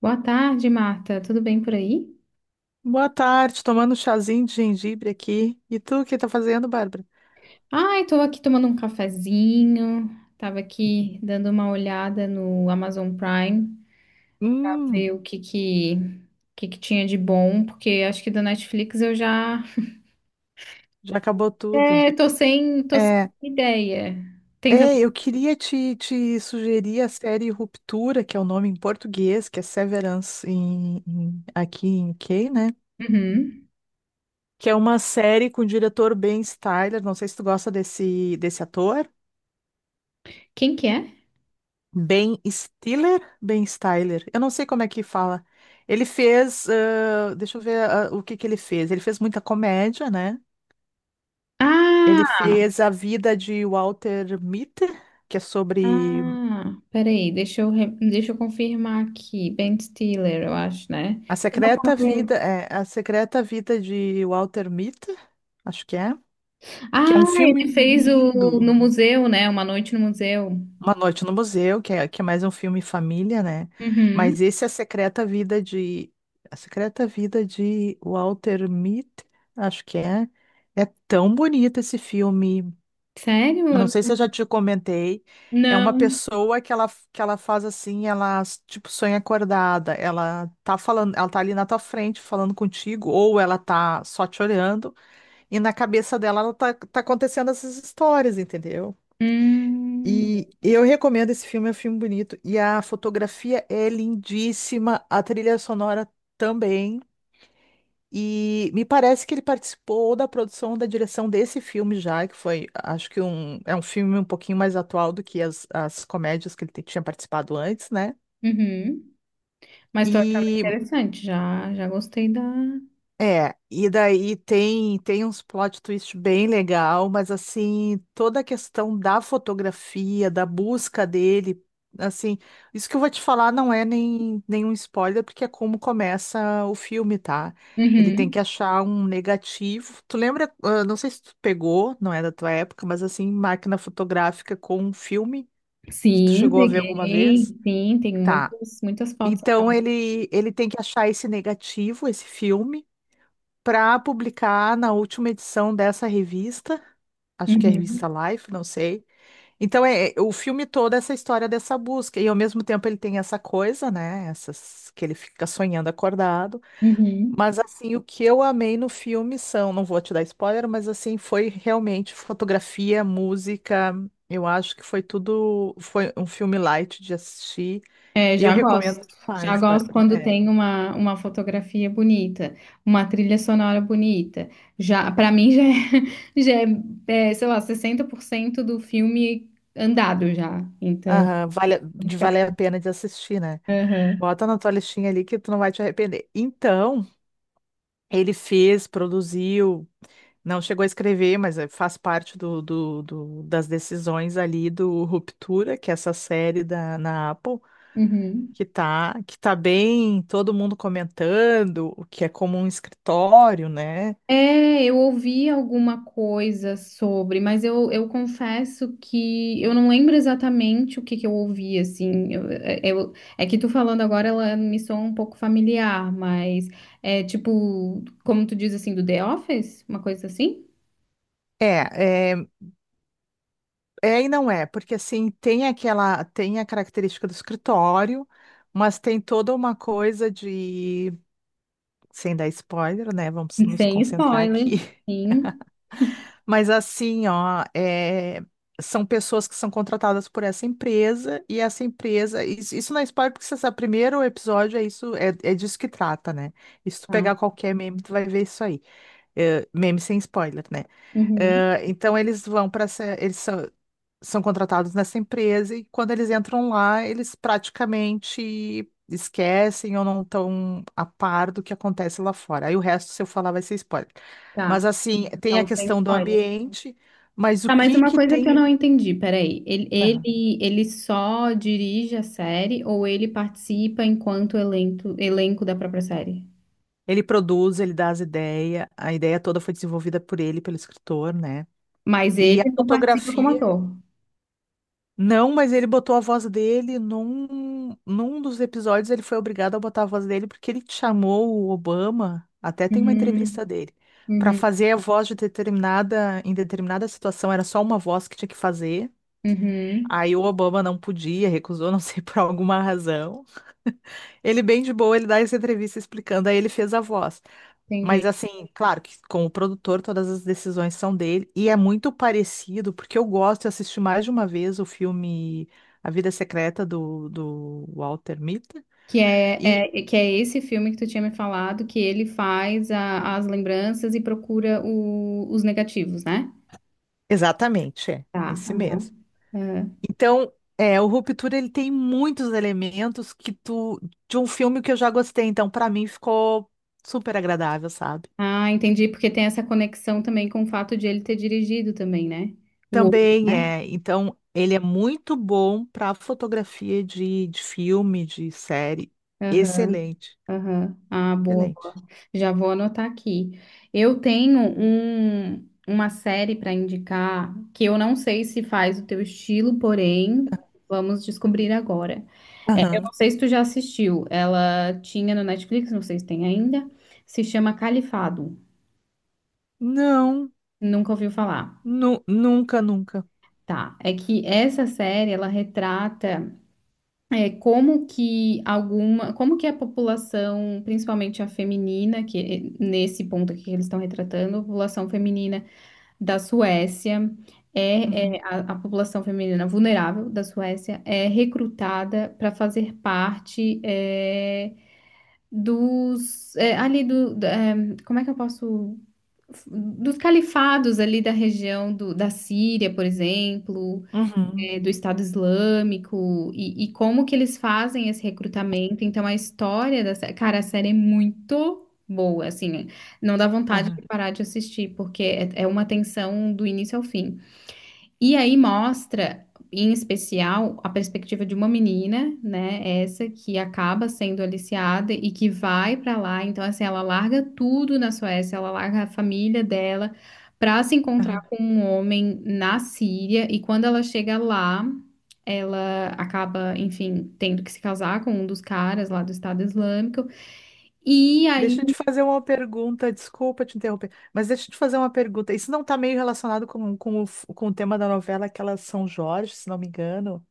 Boa tarde, Marta. Tudo bem por aí? Boa tarde, tomando um chazinho de gengibre aqui. E tu, o que tá fazendo, Bárbara? Ai, tô aqui tomando um cafezinho. Tava aqui dando uma olhada no Amazon Prime, Hum, ver o que que tinha de bom, porque acho que da Netflix eu já já acabou tudo. é, tô sem É, ideia. Tem eu algum- queria te sugerir a série Ruptura, que é o nome em português, que é Severance aqui em U K, né? Uhum. Que é uma série com o diretor Ben Stiller. Não sei se tu gosta desse ator. Quem que é? Ben Stiller? Ben Stiller. Eu não sei como é que fala. Ele fez, ah, deixa eu ver, ah, o que que ele fez. Ele fez muita comédia, né? Ele Ah, fez A Vida de Walter Mitty, que é sobre peraí, deixa eu confirmar aqui. Ben Stiller, eu acho, né? A secreta vida de Walter Mitty, acho que é Ah, um filme ele fez o lindo. no museu, né? Uma noite no museu. Uma Noite no Museu, que é mais um filme família, né? Uhum. Mas esse é a secreta vida de Walter Mitty, acho que é. É tão bonito esse filme. Eu não Sério? sei se eu já te comentei, é uma Não. pessoa que ela faz assim, ela tipo sonha acordada, ela tá falando, ela tá ali na tua frente falando contigo, ou ela tá só te olhando, e na cabeça dela tá acontecendo essas histórias, entendeu? Hum. E eu recomendo esse filme, é um filme bonito, e a fotografia é lindíssima, a trilha sonora também. E me parece que ele participou da produção ou da direção desse filme já, que foi, acho que um, é um filme um pouquinho mais atual do que as comédias que ele tinha participado antes, né? Uhum. Mas tô achando E interessante, já, já gostei da. é, e daí tem uns plot twist bem legal, mas assim, toda a questão da fotografia, da busca dele, assim, isso que eu vou te falar não é nem nenhum spoiler, porque é como começa o filme, tá? Ele tem Uhum. que achar um negativo. Tu lembra, ah, não sei se tu pegou, não é da tua época, mas assim, máquina fotográfica com um filme, se tu Sim, chegou a ver alguma peguei. vez? Sim, tem Tá. muitas, muitas fotos e Então tal. ele tem que achar esse negativo, esse filme para publicar na última edição dessa revista, acho que é a Uhum. revista Life, não sei. Então o filme todo é essa história dessa busca e ao mesmo tempo ele tem essa coisa, né, essas que ele fica sonhando acordado, Uhum. mas assim o que eu amei no filme são, não vou te dar spoiler, mas assim foi realmente fotografia, música, eu acho que foi tudo, foi um filme light de assistir É, e eu já gosto. recomendo Já demais, gosto Bárbara. quando É. tem uma fotografia bonita, uma trilha sonora bonita. Já, para mim já é, já é, é, sei lá, 60% do filme andado já. Então, Aham, de fica- valer a pena de assistir, né? Aham. Bota na tua listinha ali que tu não vai te arrepender. Então, ele fez, produziu, não chegou a escrever, mas eh, faz parte das decisões ali do Ruptura, que é essa série na Apple, Uhum. Que tá bem, todo mundo comentando, o que é como um escritório, né? É, eu ouvi alguma coisa sobre, mas eu confesso que eu não lembro exatamente o que que eu ouvi, assim. Eu- é que tu falando agora, ela me soa um pouco familiar, mas é tipo, como tu diz assim, do The Office? Uma coisa assim? É, é, é e não é, porque assim, tem aquela, tem a característica do escritório, mas tem toda uma coisa de, sem dar spoiler, né? Vamos nos Sem concentrar spoiler. aqui. Sim, Mas assim, ó, é, são pessoas que são contratadas por essa empresa e essa empresa. Isso não é spoiler, porque você sabe, primeiro episódio é isso, é disso que trata, né? E se tu pegar tá. qualquer meme, tu vai ver isso aí. É, meme sem spoiler, né? Uhum, É, então eles vão para essa. São contratados nessa empresa e quando eles entram lá, eles praticamente esquecem ou não estão a par do que acontece lá fora. Aí o resto, se eu falar, vai ser spoiler. tá. Mas assim, tem a Então, sem questão do spoiler. ambiente, mas o Tá, mas que uma que coisa que eu tem? não entendi, peraí. Ele, Aham. ele, ele só dirige a série ou ele participa enquanto elenco, elenco da própria série? Ele produz, ele dá as ideias, a ideia toda foi desenvolvida por ele, pelo escritor, né? Mas E ele a não participa como fotografia ator. não, mas ele botou a voz dele num dos episódios, ele foi obrigado a botar a voz dele porque ele chamou o Obama, até tem uma Uhum, entrevista dele, para uhum, fazer a voz de determinada, em determinada situação, era só uma voz que tinha que fazer. uhum, Aí o Obama não podia, recusou, não sei por alguma razão. Ele bem de boa, ele dá essa entrevista explicando, aí ele fez a voz. Mas entendi. assim, claro que com o produtor todas as decisões são dele e é muito parecido, porque eu gosto, eu assisti mais de uma vez o filme A Vida Secreta do Walter Mitty e Que é esse filme que tu tinha me falado, que ele faz a- as lembranças e procura o- os negativos, né? exatamente, é, Tá, esse aham, mesmo. aham. Então, é, o Ruptura ele tem muitos elementos que tu de um filme que eu já gostei, então pra mim ficou super agradável, sabe? Ah, entendi, porque tem essa conexão também com o fato de ele ter dirigido também, né? O outro, Também né? é, então ele é muito bom para fotografia de filme, de série. Aham. Excelente. Aham. Ah, boa, boa. Excelente. Já vou anotar aqui. Eu tenho um, uma série para indicar que eu não sei se faz o teu estilo, porém, vamos descobrir agora. É, eu Aham. não sei se tu já assistiu. Ela tinha no Netflix, não sei se tem ainda. Se chama Califado. Não, Nunca ouviu falar. Nunca, nunca. Tá. É que essa série, ela retrata é, como que alguma, como que a população, principalmente a feminina, que eh, nesse ponto aqui que eles estão retratando, a população feminina da Suécia é, Uhum. é, a população feminina vulnerável da Suécia é recrutada para fazer parte é, dos é, ali do, da- é, como é que eu posso dos califados ali da região do, da Síria, por exemplo Uhum. eh, do Estado Islâmico e como que eles fazem esse recrutamento. Então, a história da série, cara, a série é muito boa, assim, não dá vontade Aham. de parar de assistir, porque é, é uma tensão do início ao fim. E aí mostra, em especial, a perspectiva de uma menina, né? Essa que acaba sendo aliciada e que vai pra lá. Então, assim, ela larga tudo na Suécia, ela larga a família dela pra se encontrar Aham. com um homem na Síria. E quando ela chega lá, ela acaba, enfim, tendo que se casar com um dos caras lá do Estado Islâmico. E aí Deixa eu te fazer uma pergunta, desculpa te interromper, mas deixa eu te fazer uma pergunta. Isso não está meio relacionado com o tema da novela, aquela São Jorge, se não me engano.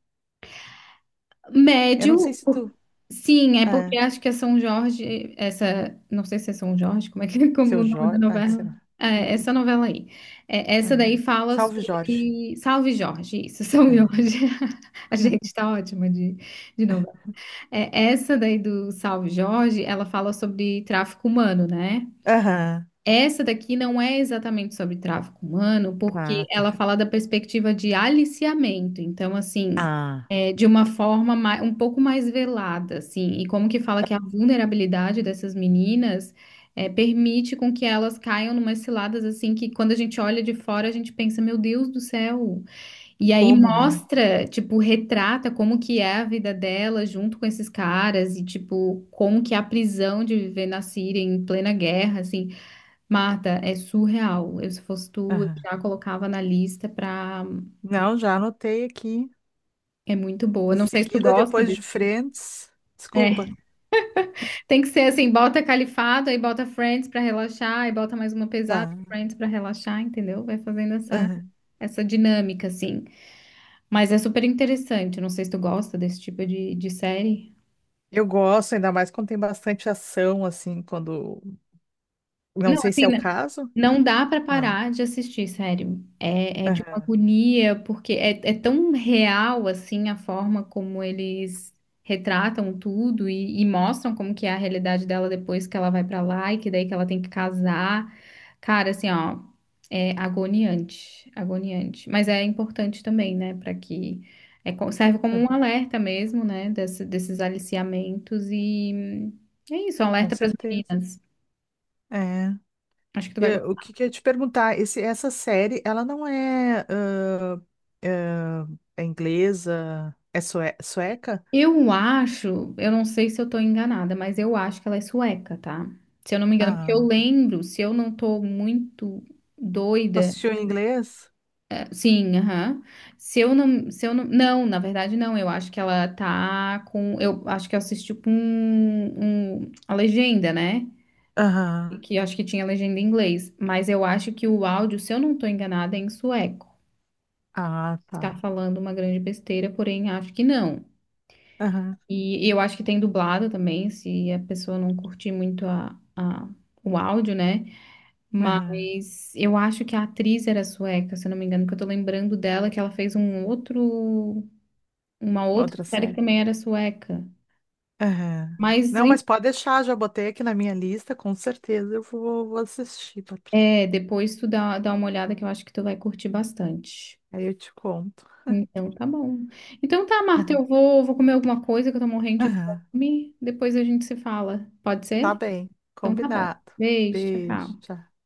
Eu não médio, sei se por- tu. sim, é porque É, acho que é São Jorge, essa, não sei se é São Jorge, como é que como o seu nome da Jorge. Ah, sei novela? lá. É, é Hum, essa novela aí. É, essa aham. daí fala Salve Jorge. sobre Salve Jorge, isso, São É. Jorge. A gente tá ótima de novela. É, essa daí do Salve Jorge, ela fala sobre tráfico humano, né? Aham. Essa daqui não é exatamente sobre tráfico humano, porque Ah, tá. ela fala da perspectiva de aliciamento. Então, assim, Ah, é, de uma forma mai- um pouco mais velada, assim, e como que fala que a vulnerabilidade dessas meninas é, permite com que elas caiam numas ciladas, assim, que quando a gente olha de fora, a gente pensa, meu Deus do céu. E aí como, né? mostra, tipo, retrata como que é a vida dela junto com esses caras e, tipo, como que é a prisão de viver na Síria em plena guerra, assim. Marta, é surreal. Eu, se fosse tu, eu Aham. já colocava na lista pra. Não, já anotei aqui. É muito boa. Em Não sei se tu seguida, gosta depois de desse. Friends. É. Desculpa. Tem que ser assim: bota Califado, aí bota Friends pra relaxar, aí bota mais uma pesada Tá. Friends pra relaxar, entendeu? Vai fazendo essa, Aham. essa dinâmica, assim. Mas é super interessante. Eu não sei se tu gosta desse tipo de série. Eu gosto, ainda mais quando tem bastante ação, assim, quando. Não Não, sei se assim, é o n- caso. não dá pra Não. parar de assistir, sério. É, é de uma Aham, agonia, porque é, é tão real, assim, a forma como eles retratam tudo e mostram como que é a realidade dela depois que ela vai pra lá e que daí que ela tem que casar. Cara, assim, ó, é agoniante, agoniante. Mas é importante também, né, pra que... É, co- serve como um aham. alerta mesmo, né, desse- desses aliciamentos e... é isso, um Com alerta pras certeza. meninas. É. Acho que tu E, vai eh, o gostar. que que eu ia te perguntar? Essa série, ela não é, ah, ah, é inglesa? É sueca? Eu acho, eu não sei se eu tô enganada, mas eu acho que ela é sueca, tá? Se eu não me engano, porque eu Ah. lembro, se eu não tô muito Tu doida, assistiu em inglês? eh, sim, aham. Se eu não, se eu não, não, na verdade não, eu acho que ela tá com, eu acho que eu assisti com um, um- a legenda, né? Aham. Que eu acho que tinha legenda em inglês, mas eu acho que o áudio, se eu não tô enganada, é em sueco. Ah, Está tá. falando uma grande besteira, porém acho que não. Aham. E eu acho que tem dublado também, se a pessoa não curtir muito a- o áudio, né? Aham. Mas eu acho que a atriz era sueca, se eu não me engano, que eu tô lembrando dela, que ela fez um outro, uma Uma outra outra série que série. também era sueca. Aham. Mas Não, e- mas pode deixar, já botei aqui na minha lista, com certeza vou assistir. é, depois tu dá, dá uma olhada que eu acho que tu vai curtir bastante. Aí eu te conto. Então tá bom. Então tá, Marta, eu vou, vou comer alguma coisa que eu tô morrendo de Aham. fome. Depois a gente se fala. Pode Tá ser? bem, Então tá bom. combinado. Beijo, tchau, Beijo, tchau. tchau.